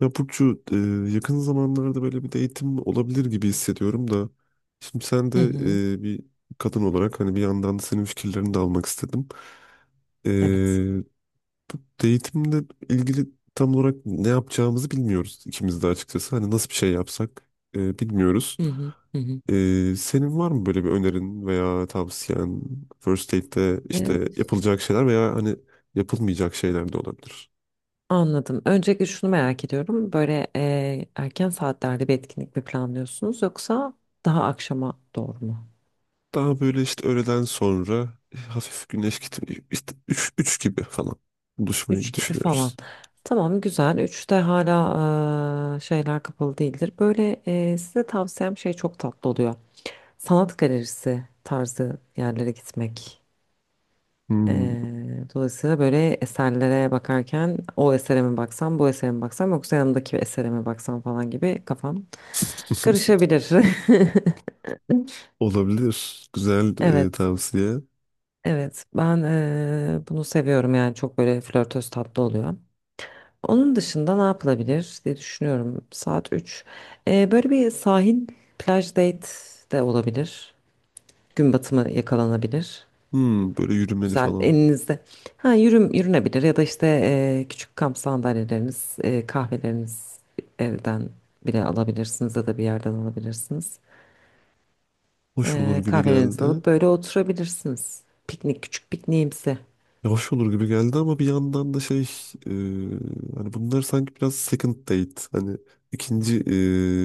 Ya Burcu yakın zamanlarda böyle bir de eğitim olabilir gibi hissediyorum da şimdi sen Hı de hı. Bir kadın olarak hani bir yandan da senin fikirlerini de almak istedim. E, Evet. Bu eğitimle ilgili tam olarak ne yapacağımızı bilmiyoruz ikimiz de açıkçası. Hani nasıl bir şey yapsak bilmiyoruz. Hı hı. Hı hı. Senin var mı böyle bir önerin veya tavsiyen First Aid'de Ee, işte yapılacak şeyler veya hani yapılmayacak şeyler de olabilir. Anladım. Öncelikle şunu merak ediyorum. Böyle erken saatlerde bir etkinlik mi planlıyorsunuz yoksa daha akşama doğru mu? Daha böyle işte öğleden sonra hafif güneş gitmiyor. İşte üç gibi falan buluşmayı Üç gibi falan. düşünüyoruz. Tamam güzel. 3'te hala şeyler kapalı değildir. Böyle size tavsiyem şey çok tatlı oluyor. Sanat galerisi tarzı yerlere gitmek. Hmm. Dolayısıyla böyle eserlere bakarken o esere mi baksam, bu esere mi baksam yoksa yanımdaki esere mi baksam falan gibi kafam karışabilir. Olabilir. Güzel Evet, tavsiye. evet. Ben bunu seviyorum yani çok böyle flörtöz tatlı oluyor. Onun dışında ne yapılabilir diye düşünüyorum. Saat 3. Böyle bir sahil plaj date de olabilir. Gün batımı yakalanabilir. Hmm, böyle yürümeli Güzel falan. elinizde. Ha yürünebilir ya da işte küçük kamp sandalyeleriniz, kahveleriniz evden bile alabilirsiniz ya da bir yerden alabilirsiniz. Hoş olur gibi Kahvelerinizi geldi. alıp böyle oturabilirsiniz. Piknik küçük pikniğimsi. Ya hoş olur gibi geldi ama bir yandan da e, hani bunlar sanki biraz second date. Hani ikinci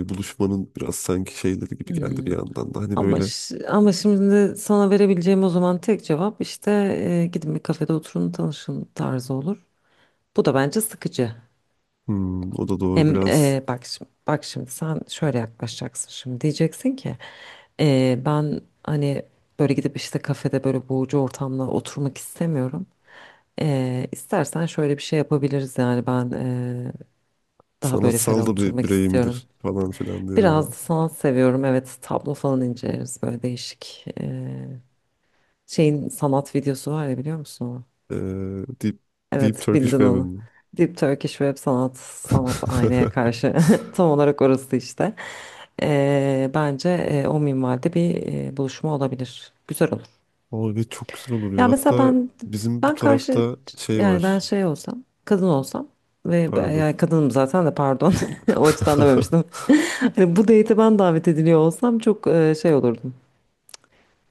buluşmanın biraz sanki şeyleri gibi geldi bir Hmm. yandan da. Hani Ama böyle ş- ama şimdi sana verebileceğim o zaman tek cevap işte gidin bir kafede oturun tanışın tarzı olur. Bu da bence sıkıcı. hmm, o da doğru Hem biraz bak şimdi sen şöyle yaklaşacaksın şimdi diyeceksin ki ben hani böyle gidip işte kafede böyle boğucu ortamda oturmak istemiyorum. İstersen şöyle bir şey yapabiliriz yani ben daha böyle sanatsal ferah da bir oturmak istiyorum. bireyimdir falan filan diye Biraz da sanat seviyorum, evet, tablo falan inceleriz böyle değişik şeyin sanat videosu var ya, biliyor musun? Onu? Ee, Deep, Deep Evet, Turkish bildin Weapon onu. mı? Deep Turkish Web Sanat, sanat aynaya karşı. Tam olarak orası işte. Bence o minvalde bir buluşma olabilir. Güzel olur. Abi evet, çok güzel olur ya. Ya mesela Hatta ben bizim bu ben karşı, tarafta şey yani ben var. şey olsam, kadın olsam ve Pardon. yani kadınım zaten de, pardon. O açıdan dememiştim. Hani bu date'e ben davet ediliyor olsam çok şey olurdum.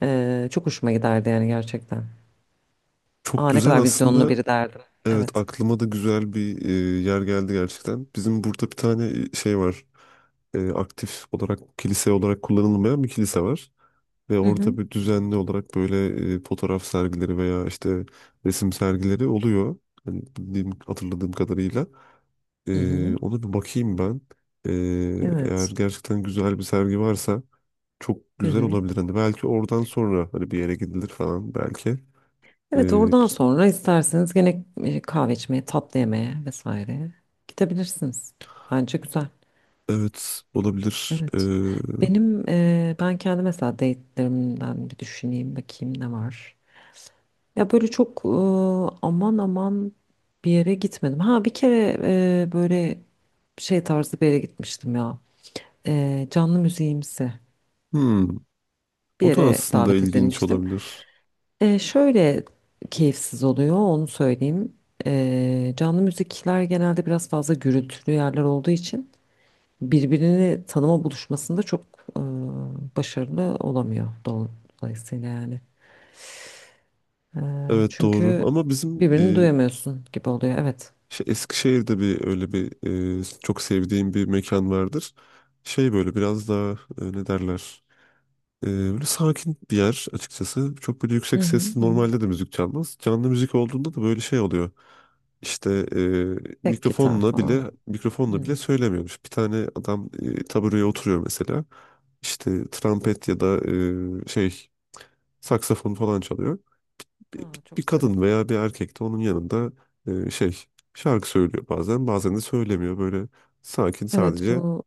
Çok hoşuma giderdi yani gerçekten. Çok Aa, ne güzel kadar vizyonlu aslında. biri derdim. Evet Evet. aklıma da güzel bir yer geldi gerçekten. Bizim burada bir tane şey var. Aktif olarak kilise olarak kullanılmayan bir kilise var. Ve Hı hı. orada bir düzenli olarak böyle fotoğraf sergileri veya işte resim sergileri oluyor. Hani bildiğim, hatırladığım kadarıyla. Hı hı. Ona bir bakayım ben. Eğer Evet. gerçekten güzel bir sergi varsa çok Hı güzel hı. olabilir. Hani belki oradan sonra hani bir yere gidilir falan belki. Evet, Ee, oradan bir- sonra isterseniz gene kahve içmeye, tatlı yemeye vesaire gidebilirsiniz. Bence güzel. evet olabilir. Evet. Ben kendi mesela date'lerimden bir düşüneyim bakayım ne var. Ya böyle çok aman aman bir yere gitmedim. Ha bir kere böyle şey tarzı bir yere gitmiştim ya. Canlı müziğimsi Hmm, bir o da yere aslında davet ilginç edilmiştim. olabilir. Şöyle keyifsiz oluyor, onu söyleyeyim. Canlı müzikler genelde biraz fazla gürültülü yerler olduğu için birbirini tanıma buluşmasında çok başarılı olamıyor dolayısıyla yani. E, Evet doğru Çünkü ama bizim birbirini duyamıyorsun gibi oluyor, evet. Eskişehir'de bir öyle bir çok sevdiğim bir mekan vardır. Şey böyle biraz daha ne derler? Böyle sakin bir yer açıkçası. Çok böyle Hı yüksek hı, sesli hı. normalde de müzik çalmaz. Canlı müzik olduğunda da böyle şey oluyor. İşte Tek gitar mikrofonla bile falan. mikrofonla Hı. bile söylemiyormuş. Bir tane adam tabureye oturuyor mesela. İşte trompet ya da e, şey saksafon falan çalıyor. Bir, Aa, bir çok zarif. kadın veya bir erkek de onun yanında e, şey şarkı söylüyor bazen bazen de söylemiyor. Böyle sakin Evet, sadece bu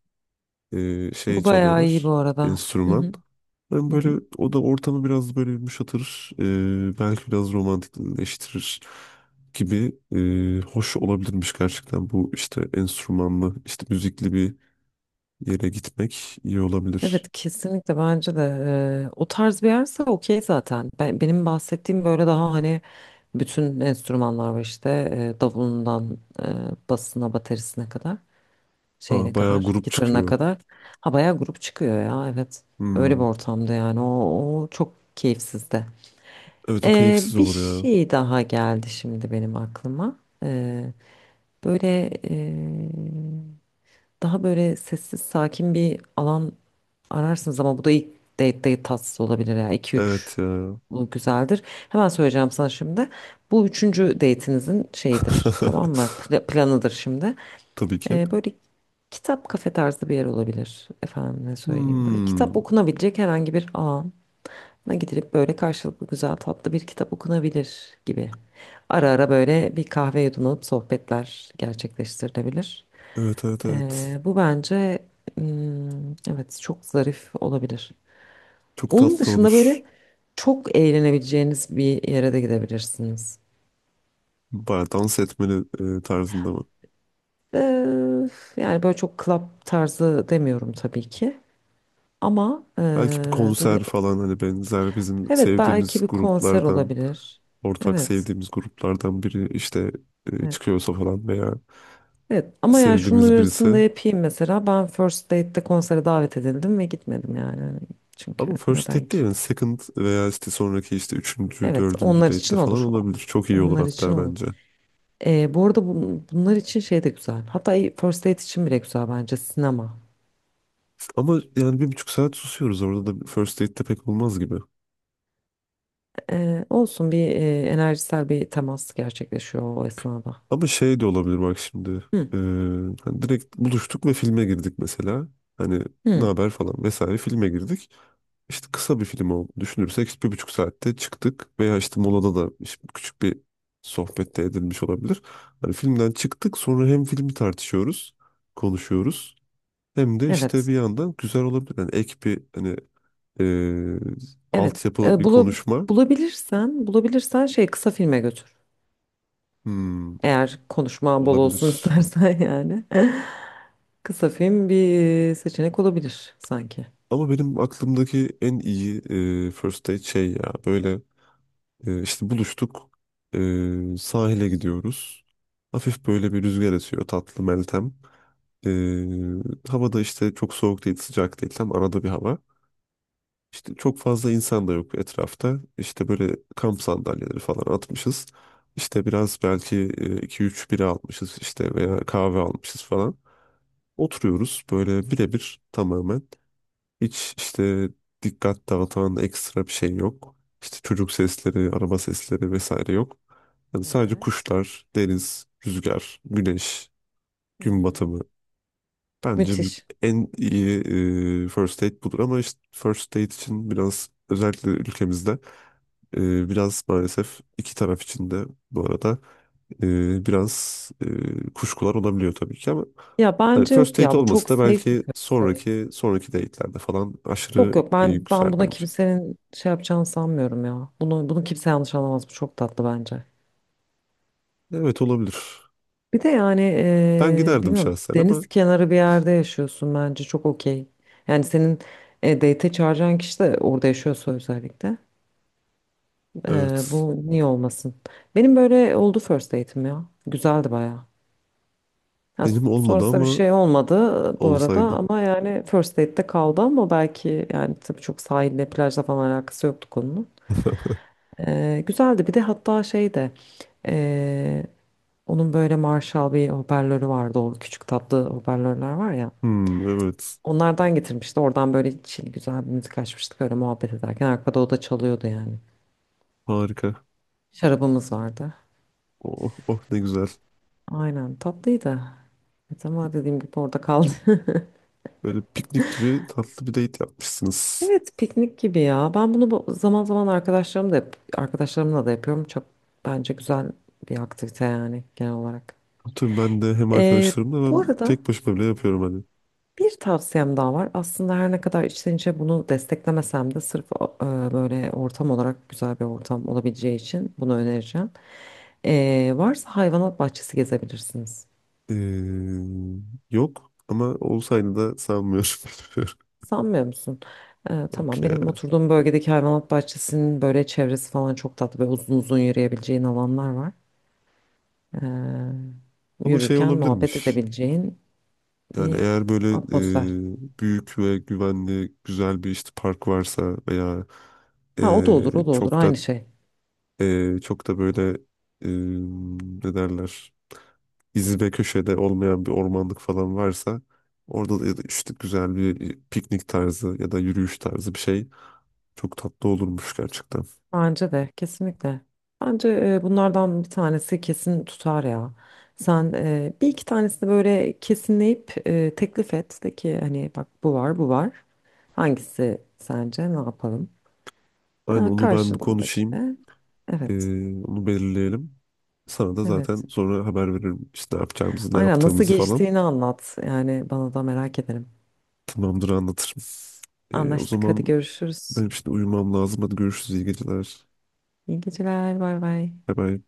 bu bayağı iyi bu çalıyorlar. arada. Hı Enstrüman. hı, Ben hı böyle hı. o da ortamı biraz böyle yumuşatır. Belki biraz romantikleştirir gibi hoş olabilirmiş gerçekten bu işte enstrümanlı işte müzikli bir yere gitmek iyi olabilir. Evet kesinlikle, bence de o tarz bir yerse okey zaten. Benim bahsettiğim böyle, daha hani bütün enstrümanlar var işte, davulundan basına, baterisine kadar, Ha şeyine bayağı kadar, grup gitarına çıkıyor. kadar. Ha bayağı grup çıkıyor ya evet, öyle bir Hmm. ortamda yani o çok keyifsiz de. Evet o keyifsiz Bir olur ya. şey daha geldi şimdi benim aklıma. Böyle daha böyle sessiz sakin bir alan ararsınız ama bu da ilk date tatsız olabilir ya. İki üç Evet ya. bu güzeldir. Hemen söyleyeceğim sana şimdi. Bu üçüncü date'inizin şeyidir, tamam mı? Planıdır şimdi. Tabii ki. Böyle kitap kafe tarzı bir yer olabilir. Efendim ne söyleyeyim. Böyle Hmm. kitap okunabilecek herhangi bir an'a gidilip böyle karşılıklı güzel tatlı bir kitap okunabilir gibi. Ara ara böyle bir kahve yudumlanıp sohbetler gerçekleştirilebilir. Evet evet evet. Bu bence, evet, çok zarif olabilir. Çok Onun tatlı dışında olur. böyle çok eğlenebileceğiniz bir yere de gidebilirsiniz. Bayağı dans etmeli tarzında mı? Ee, Yani böyle çok club tarzı demiyorum tabii ki. Ama Belki bir böyle konser falan hani benzer bizim evet, sevdiğimiz belki bir konser gruplardan, olabilir. ortak Evet. sevdiğimiz gruplardan biri işte Evet. çıkıyorsa falan veya Evet. Ama yani şunun sevdiğimiz uyarısını da birisi. yapayım mesela. Ben First Date'de konsere davet edildim ve gitmedim yani. Hani çünkü Ama first neden date ki? değil yani second veya işte sonraki işte üçüncü, Evet, dördüncü onlar date'te için falan olur. olabilir. Çok iyi olur Onlar için hatta olur. bence. Bu arada bunlar için şey de güzel. Hatta First Date için bile güzel bence sinema. Ama yani bir buçuk saat susuyoruz orada da first date'te pek olmaz gibi. Olsun, bir enerjisel bir temas gerçekleşiyor o esnada. Ama şey de olabilir bak şimdi. Hı, e, Hani direkt buluştuk ve filme girdik mesela. Hani ne hı, haber falan vesaire filme girdik. İşte kısa bir film olduğunu düşünürsek işte bir buçuk saatte çıktık veya işte molada da işte küçük bir sohbette edilmiş olabilir. Hani filmden çıktık sonra hem filmi tartışıyoruz, konuşuyoruz hem de işte evet, bir yandan güzel olabilir. Yani ek bir hani eee evet. altyapılı bir bulu- konuşma bulabilirsen, bulabilirsen şey kısa filme götür. hmm, Eğer konuşma bol olsun olabilir. istersen yani. Kısa film bir seçenek olabilir sanki. Ama benim aklımdaki en iyi first date şey ya böyle işte buluştuk sahile gidiyoruz. Hafif böyle bir rüzgar esiyor tatlı Meltem. Ee, Havada işte çok soğuk değil, sıcak değil. Tam arada bir hava. İşte çok fazla insan da yok etrafta. İşte böyle kamp sandalyeleri falan atmışız. İşte biraz belki iki üç bira almışız işte veya kahve almışız falan. Oturuyoruz böyle birebir tamamen. Hiç işte dikkat dağıtan ekstra bir şey yok. İşte çocuk sesleri, araba sesleri vesaire yok. Yani sadece Evet. kuşlar, deniz, rüzgar, güneş, Hı gün hı. batımı. Bence Müthiş. en iyi first aid budur ama işte first aid için biraz özellikle ülkemizde biraz maalesef iki taraf için de bu arada kuşkular olabiliyor tabii ki ama Ya hani bence first yok aid ya, bu olması çok da safe bir belki fırsat. sonraki date'lerde falan Yok aşırı yok, ben güzel buna bence. kimsenin şey yapacağını sanmıyorum ya. Bunu kimse yanlış anlamaz. Bu çok tatlı bence. Evet olabilir. Bir de yani Ben giderdim bilmiyorum, şahsen ama deniz kenarı bir yerde yaşıyorsun, bence çok okey. Yani senin date'e çağıracağın kişi de orada yaşıyorsa özellikle. Evet Bu niye olmasın? Benim böyle oldu first date'im ya. Güzeldi bayağı. Ya, benim olmadı sonrasında bir ama şey olmadı bu arada, olsaydı. ama yani first date'te kaldı ama belki yani tabii, çok sahille plajla falan alakası yoktu konunun. Güzeldi bir de, hatta şey de eee, onun böyle Marshall bir hoparlörü vardı, o küçük tatlı hoparlörler var ya. Hmm, evet Onlardan getirmişti. Oradan böyle chill güzel bir müzik açmıştık. Öyle muhabbet ederken arkada o da çalıyordu yani. harika. Şarabımız vardı. Oh, oh ne güzel. Aynen, tatlıydı. Evet, ama dediğim gibi orada kaldı. Böyle piknik gibi tatlı bir date yapmışsınız. Evet piknik gibi ya. Ben bunu zaman zaman arkadaşlarım da arkadaşlarımla da yapıyorum. Çok bence güzel bir aktivite yani genel olarak. Tabii ben de hem Ee, arkadaşlarımla Bu ben arada tek başıma bile yapıyorum hani. bir tavsiyem daha var. Aslında her ne kadar içten içe bunu desteklemesem de, sırf e, böyle ortam olarak güzel bir ortam olabileceği için bunu önereceğim. Varsa hayvanat bahçesi gezebilirsiniz. Ee, Yok ama olsaydı da sanmıyorum. Sanmıyor musun? Yok Tamam, benim ya. oturduğum bölgedeki hayvanat bahçesinin böyle çevresi falan çok tatlı. Böyle uzun uzun yürüyebileceğin alanlar var. Ama şey Yürürken muhabbet olabilirmiş. edebileceğin Yani bir eğer böyle atmosfer. Büyük ve güvenli güzel bir işte park varsa veya Ha o da e, olur, o da olur çok da aynı şey. Çok da böyle e, ne derler iz ve köşede olmayan bir ormanlık falan varsa orada da ya da işte güzel bir piknik tarzı ya da yürüyüş tarzı bir şey çok tatlı olurmuş gerçekten. Bence de kesinlikle. Bence bunlardan bir tanesi kesin tutar ya. Sen bir iki tanesini böyle kesinleyip teklif et. De ki hani bak, bu var bu var. Hangisi sence, ne yapalım? Aynen Ha, onu ben bir karşındaki konuşayım. de. Ee, Evet, Onu belirleyelim. Sana da zaten evet. sonra haber veririm işte ne yapacağımızı, ne Aynen, nasıl yaptığımızı falan. geçtiğini anlat. Yani bana da, merak ederim. Tamamdır anlatırım. O Anlaştık. Hadi zaman görüşürüz. benim şimdi uyumam lazım. Hadi görüşürüz. İyi geceler. İyi geceler. Bay bay. Bay bay.